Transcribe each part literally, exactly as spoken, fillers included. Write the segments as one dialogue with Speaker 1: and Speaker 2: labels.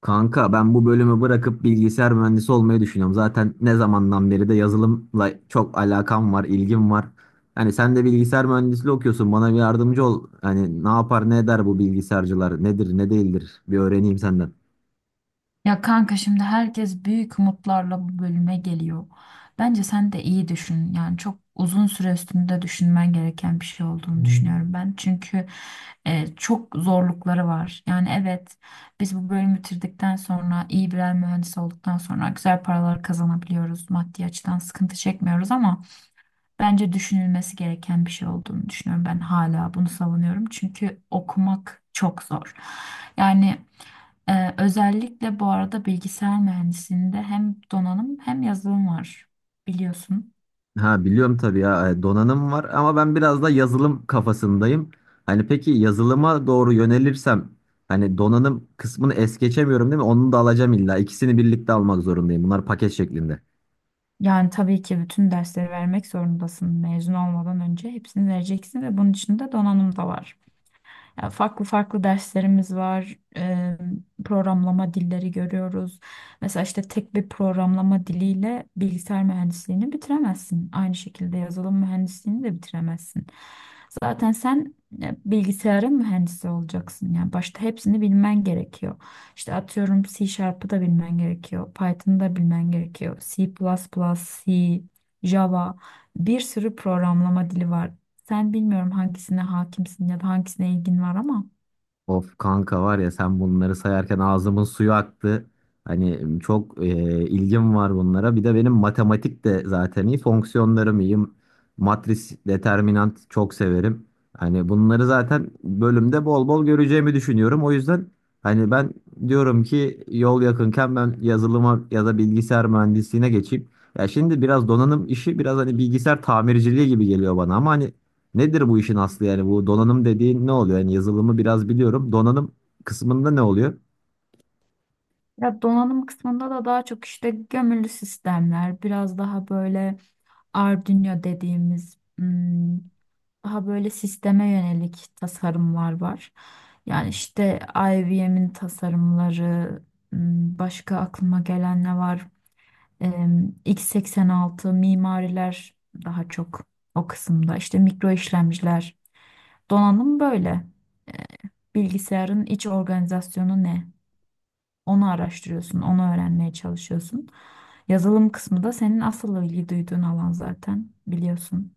Speaker 1: Kanka ben bu bölümü bırakıp bilgisayar mühendisi olmayı düşünüyorum. Zaten ne zamandan beri de yazılımla çok alakam var, ilgim var. Hani sen de bilgisayar mühendisliği okuyorsun. Bana bir yardımcı ol. Hani ne yapar, ne eder bu bilgisayarcılar? Nedir, ne değildir? Bir öğreneyim senden.
Speaker 2: Ya kanka şimdi herkes büyük umutlarla bu bölüme geliyor. Bence sen de iyi düşün. Yani çok uzun süre üstünde düşünmen gereken bir şey olduğunu Hmm. düşünüyorum ben. Çünkü e, çok zorlukları var. Yani evet biz bu bölümü bitirdikten sonra iyi birer mühendis olduktan sonra güzel paralar kazanabiliyoruz. Maddi açıdan sıkıntı çekmiyoruz ama bence düşünülmesi gereken bir şey olduğunu düşünüyorum. Ben hala bunu savunuyorum. Çünkü okumak çok zor. Yani e, özellikle bu arada bilgisayar mühendisliğinde hem donanım hem yazılım var biliyorsun.
Speaker 1: Ha biliyorum tabii ya e, donanım var ama ben biraz da yazılım kafasındayım. Hani peki yazılıma doğru yönelirsem hani donanım kısmını es geçemiyorum değil mi? Onu da alacağım illa. İkisini birlikte almak zorundayım. Bunlar paket şeklinde.
Speaker 2: Yani tabii ki bütün dersleri vermek zorundasın. Mezun olmadan önce hepsini vereceksin ve bunun içinde donanım da var. Yani farklı farklı derslerimiz var. Eee, programlama dilleri görüyoruz. Mesela işte tek bir programlama diliyle bilgisayar mühendisliğini bitiremezsin. Aynı şekilde yazılım mühendisliğini de bitiremezsin. Zaten sen e, bilgisayarın mühendisi olacaksın. Yani başta hepsini bilmen gerekiyor. İşte atıyorum C Sharp'ı da bilmen gerekiyor. Python'ı da bilmen gerekiyor. C++, C, Java, bir sürü programlama dili var. Sen bilmiyorum hangisine hakimsin ya da hangisine ilgin var ama
Speaker 1: Of kanka var ya sen bunları sayarken ağzımın suyu aktı. Hani çok e, ilgim var bunlara. Bir de benim matematik de zaten iyi, fonksiyonlarım iyi. Matris, determinant çok severim. Hani bunları zaten bölümde bol bol göreceğimi düşünüyorum. O yüzden hani ben diyorum ki yol yakınken ben yazılıma ya da bilgisayar mühendisliğine geçeyim. Ya şimdi biraz donanım işi biraz hani bilgisayar tamirciliği gibi geliyor bana ama hani nedir bu işin aslı yani bu donanım dediğin ne oluyor? Yani yazılımı biraz biliyorum. Donanım kısmında ne oluyor?
Speaker 2: ya donanım kısmında da daha çok işte gömülü sistemler, biraz daha böyle Arduino dediğimiz, hmm, daha böyle sisteme yönelik tasarımlar var. Yani işte I B M'in tasarımları, hmm, başka aklıma gelen ne var? Em, x seksen altı mimariler daha çok o kısımda. İşte mikro işlemciler, donanım böyle. Bilgisayarın iç organizasyonu ne? Onu araştırıyorsun, onu öğrenmeye çalışıyorsun. Yazılım kısmı da senin asıl ilgi duyduğun alan zaten biliyorsun.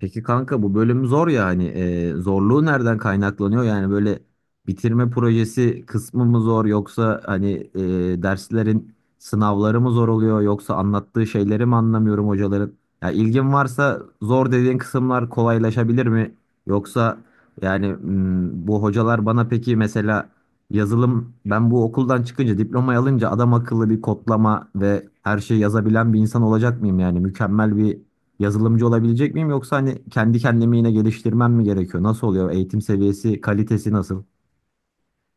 Speaker 1: Peki kanka bu bölüm zor ya hani e, zorluğu nereden kaynaklanıyor? Yani böyle bitirme projesi kısmı mı zor yoksa hani e, derslerin sınavları mı zor oluyor yoksa anlattığı şeyleri mi anlamıyorum hocaların? Ya ilgin varsa zor dediğin kısımlar kolaylaşabilir mi? Yoksa yani m, bu hocalar bana peki mesela yazılım ben bu okuldan çıkınca diplomayı alınca adam akıllı bir kodlama ve her şeyi yazabilen bir insan olacak mıyım yani mükemmel bir yazılımcı olabilecek miyim yoksa hani kendi kendimi yine geliştirmem mi gerekiyor? Nasıl oluyor? Eğitim seviyesi, kalitesi nasıl?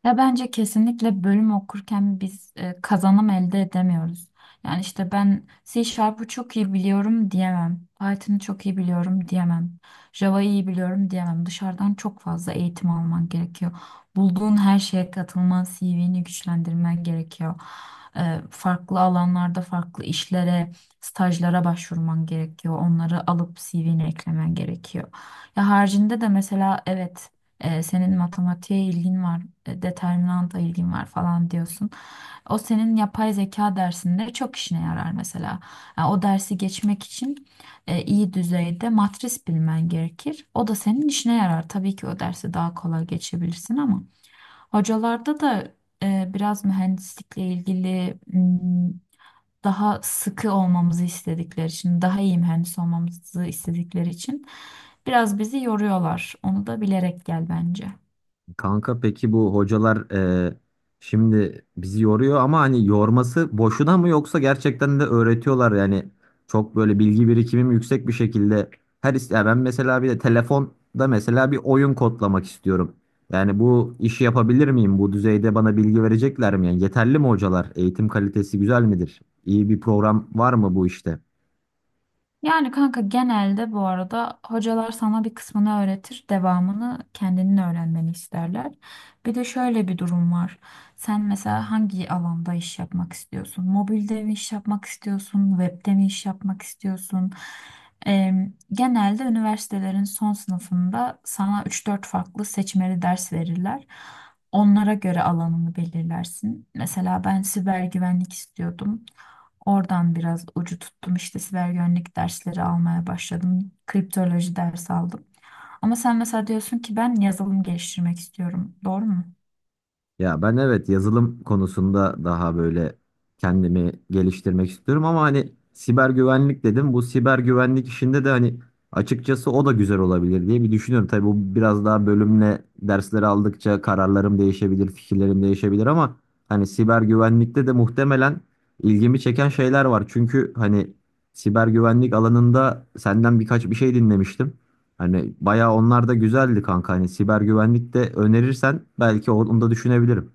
Speaker 2: Ya bence kesinlikle bölüm okurken biz e, kazanım elde edemiyoruz. Yani işte ben C Sharp'ı çok iyi biliyorum diyemem. Python'ı çok iyi biliyorum diyemem. Java'yı iyi biliyorum diyemem. Dışarıdan çok fazla eğitim alman gerekiyor. Bulduğun her şeye katılman, C V'ni güçlendirmen gerekiyor. E, farklı alanlarda farklı işlere, stajlara başvurman gerekiyor. Onları alıp C V'ne eklemen gerekiyor. Ya haricinde de mesela evet, e, senin matematiğe ilgin var, e, determinanta ilgin var falan diyorsun. O senin yapay zeka dersinde çok işine yarar mesela. Yani o dersi geçmek için e, iyi düzeyde matris bilmen gerekir. O da senin işine yarar. Tabii ki o dersi daha kolay geçebilirsin ama. Hocalarda da e, biraz mühendislikle ilgili, m, daha sıkı olmamızı istedikleri için, daha iyi mühendis olmamızı istedikleri için biraz bizi yoruyorlar. Onu da bilerek gel bence.
Speaker 1: Kanka peki bu hocalar e, şimdi bizi yoruyor ama hani yorması boşuna mı yoksa gerçekten de öğretiyorlar yani çok böyle bilgi birikimim yüksek bir şekilde her is- ya ben mesela bir de telefonda mesela bir oyun kodlamak istiyorum. Yani bu işi yapabilir miyim? Bu düzeyde bana bilgi verecekler mi? Yani yeterli mi hocalar? Eğitim kalitesi güzel midir? İyi bir program var mı bu işte?
Speaker 2: Yani kanka genelde bu arada hocalar sana bir kısmını öğretir, devamını kendinin öğrenmeni isterler. Bir de şöyle bir durum var. Sen mesela hangi alanda iş yapmak istiyorsun? Mobilde mi iş yapmak istiyorsun? Webde mi iş yapmak istiyorsun? Em, genelde üniversitelerin son sınıfında sana üç dört farklı seçmeli ders verirler. Onlara göre alanını belirlersin. Mesela ben siber güvenlik istiyordum. Oradan biraz ucu tuttum. İşte siber güvenlik dersleri almaya başladım. Kriptoloji dersi aldım. Ama sen mesela diyorsun ki ben yazılım geliştirmek istiyorum. Doğru mu?
Speaker 1: Ya ben evet yazılım konusunda daha böyle kendimi geliştirmek istiyorum ama hani siber güvenlik dedim. Bu siber güvenlik işinde de hani açıkçası o da güzel olabilir diye bir düşünüyorum. Tabii bu biraz daha bölümle dersleri aldıkça kararlarım değişebilir, fikirlerim değişebilir ama hani siber güvenlikte de muhtemelen ilgimi çeken şeyler var. Çünkü hani siber güvenlik alanında senden birkaç bir şey dinlemiştim. Hani bayağı onlar da güzeldi kanka. Hani siber güvenlik de önerirsen belki onu da düşünebilirim.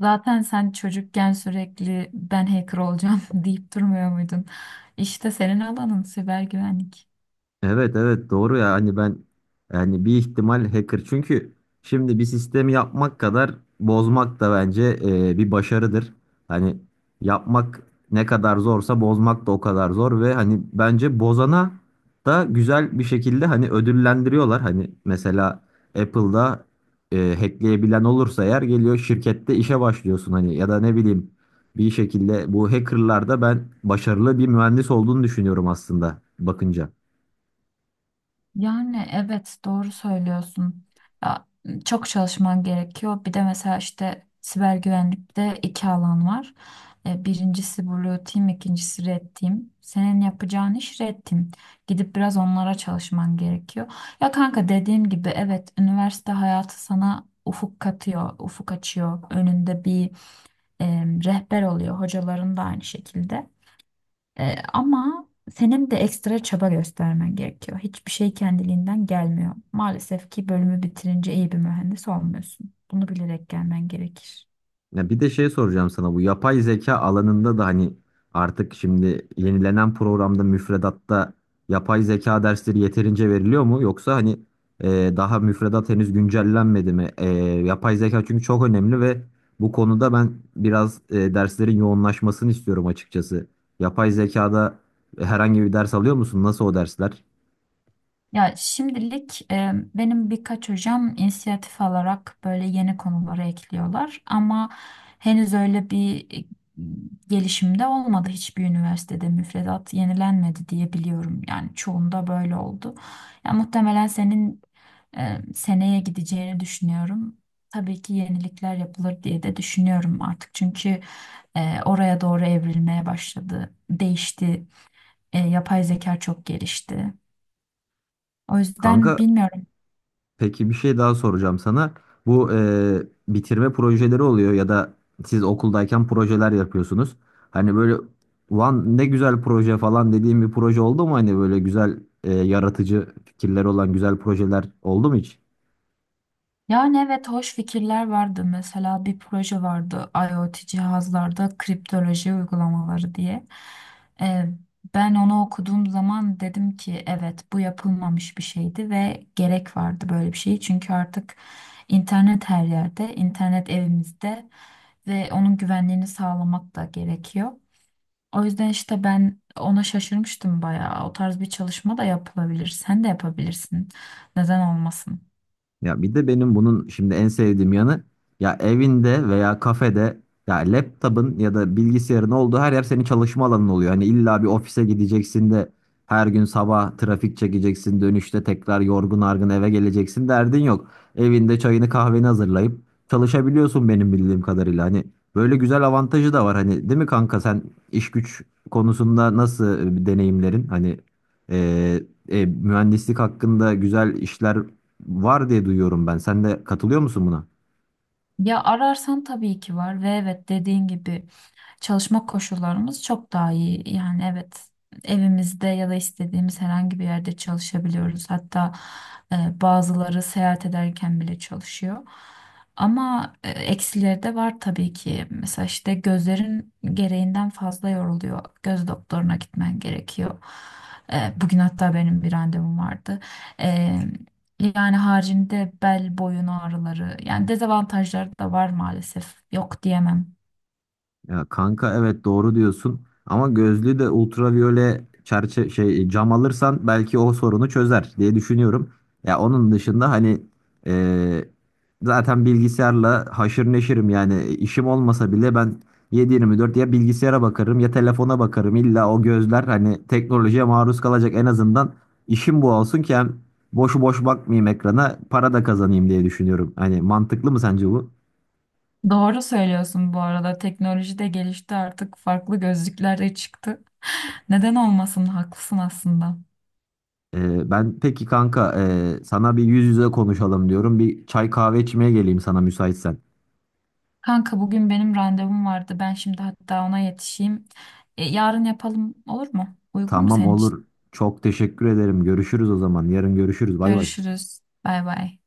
Speaker 2: Zaten sen çocukken sürekli ben hacker olacağım deyip durmuyor muydun? İşte senin alanın siber güvenlik.
Speaker 1: Evet, evet, doğru ya hani ben yani bir ihtimal hacker çünkü şimdi bir sistemi yapmak kadar bozmak da bence e, bir başarıdır. Hani yapmak ne kadar zorsa bozmak da o kadar zor ve hani bence bozana da güzel bir şekilde hani ödüllendiriyorlar. Hani mesela Apple'da e, hackleyebilen olursa eğer geliyor şirkette işe başlıyorsun hani ya da ne bileyim bir şekilde bu hackerlarda ben başarılı bir mühendis olduğunu düşünüyorum aslında bakınca.
Speaker 2: Yani evet doğru söylüyorsun. Ya, çok çalışman gerekiyor. Bir de mesela işte siber güvenlikte iki alan var. E, birincisi Blue Team, ikincisi Red Team. Senin yapacağın iş Red Team. Gidip biraz onlara çalışman gerekiyor. Ya kanka dediğim gibi evet üniversite hayatı sana ufuk katıyor, ufuk açıyor. Önünde bir e, rehber oluyor. Hocaların da aynı şekilde. Ee, ama senin de ekstra çaba göstermen gerekiyor. Hiçbir şey kendiliğinden gelmiyor. Maalesef ki bölümü bitirince iyi bir mühendis olmuyorsun. Bunu bilerek gelmen gerekir.
Speaker 1: Ya bir de şey soracağım sana, bu yapay zeka alanında da hani artık şimdi yenilenen programda müfredatta yapay zeka dersleri yeterince veriliyor mu? Yoksa hani e, daha müfredat henüz güncellenmedi mi? E, yapay zeka çünkü çok önemli ve bu konuda ben biraz e, derslerin yoğunlaşmasını istiyorum açıkçası. Yapay zekada herhangi bir ders alıyor musun? Nasıl o dersler?
Speaker 2: Ya şimdilik e, benim birkaç hocam inisiyatif alarak böyle yeni konuları ekliyorlar ama henüz öyle bir e, gelişimde olmadı, hiçbir üniversitede müfredat yenilenmedi diye biliyorum. Yani çoğunda böyle oldu. Ya muhtemelen senin e, seneye gideceğini düşünüyorum. Tabii ki yenilikler yapılır diye de düşünüyorum artık çünkü e, oraya doğru evrilmeye başladı, değişti, E, yapay zeka çok gelişti. O yüzden
Speaker 1: Kanka,
Speaker 2: bilmiyorum.
Speaker 1: peki bir şey daha soracağım sana. Bu e, bitirme projeleri oluyor ya da siz okuldayken projeler yapıyorsunuz. Hani böyle van ne güzel proje falan dediğim bir proje oldu mu? Hani böyle güzel e, yaratıcı fikirleri olan güzel projeler oldu mu hiç?
Speaker 2: Yani evet hoş fikirler vardı. Mesela bir proje vardı IoT cihazlarda kriptoloji uygulamaları diye. Ee, ben onu okuduğum zaman dedim ki evet, bu yapılmamış bir şeydi ve gerek vardı böyle bir şey. Çünkü artık internet her yerde, internet evimizde ve onun güvenliğini sağlamak da gerekiyor. O yüzden işte ben ona şaşırmıştım bayağı. O tarz bir çalışma da yapılabilir. Sen de yapabilirsin. Neden olmasın?
Speaker 1: Ya bir de benim bunun şimdi en sevdiğim yanı ya evinde veya kafede ya laptop'un ya da bilgisayarın olduğu her yer senin çalışma alanın oluyor. Hani illa bir ofise gideceksin de her gün sabah trafik çekeceksin dönüşte tekrar yorgun argın eve geleceksin derdin yok. Evinde çayını kahveni hazırlayıp çalışabiliyorsun benim bildiğim kadarıyla. Hani böyle güzel avantajı da var hani değil mi kanka sen iş güç konusunda nasıl e, deneyimlerin hani e, e, mühendislik hakkında güzel işler var diye duyuyorum ben. Sen de katılıyor musun buna?
Speaker 2: Ya ararsan tabii ki var ve evet dediğin gibi çalışma koşullarımız çok daha iyi. Yani evet, evimizde ya da istediğimiz herhangi bir yerde çalışabiliyoruz. Hatta e, bazıları seyahat ederken bile çalışıyor. Ama e, eksileri de var tabii ki. Mesela işte gözlerin gereğinden fazla yoruluyor. Göz doktoruna gitmen gerekiyor. E, bugün hatta benim bir randevum vardı. E, yani haricinde bel boyun ağrıları, yani dezavantajları da var maalesef. Yok diyemem.
Speaker 1: Ya kanka evet doğru diyorsun ama gözlüğü de ultraviyole çerçe şey cam alırsan belki o sorunu çözer diye düşünüyorum. Ya onun dışında hani e, zaten bilgisayarla haşır neşirim yani işim olmasa bile ben yedi dört ya bilgisayara bakarım ya telefona bakarım. İlla o gözler hani teknolojiye maruz kalacak, en azından işim bu olsun ki hem boşu boş bakmayayım ekrana para da kazanayım diye düşünüyorum. Hani mantıklı mı sence bu?
Speaker 2: Doğru söylüyorsun bu arada. Teknoloji de gelişti artık. Farklı gözlükler de çıktı. Neden olmasın? Haklısın aslında.
Speaker 1: Ee, ben peki kanka e, sana bir yüz yüze konuşalım diyorum. Bir çay kahve içmeye geleyim sana müsaitsen.
Speaker 2: Kanka bugün benim randevum vardı. Ben şimdi hatta ona yetişeyim. E, yarın yapalım olur mu? Uygun mu
Speaker 1: Tamam,
Speaker 2: senin için?
Speaker 1: olur. Çok teşekkür ederim. Görüşürüz o zaman. Yarın görüşürüz. Bay bay.
Speaker 2: Görüşürüz. Bay bay.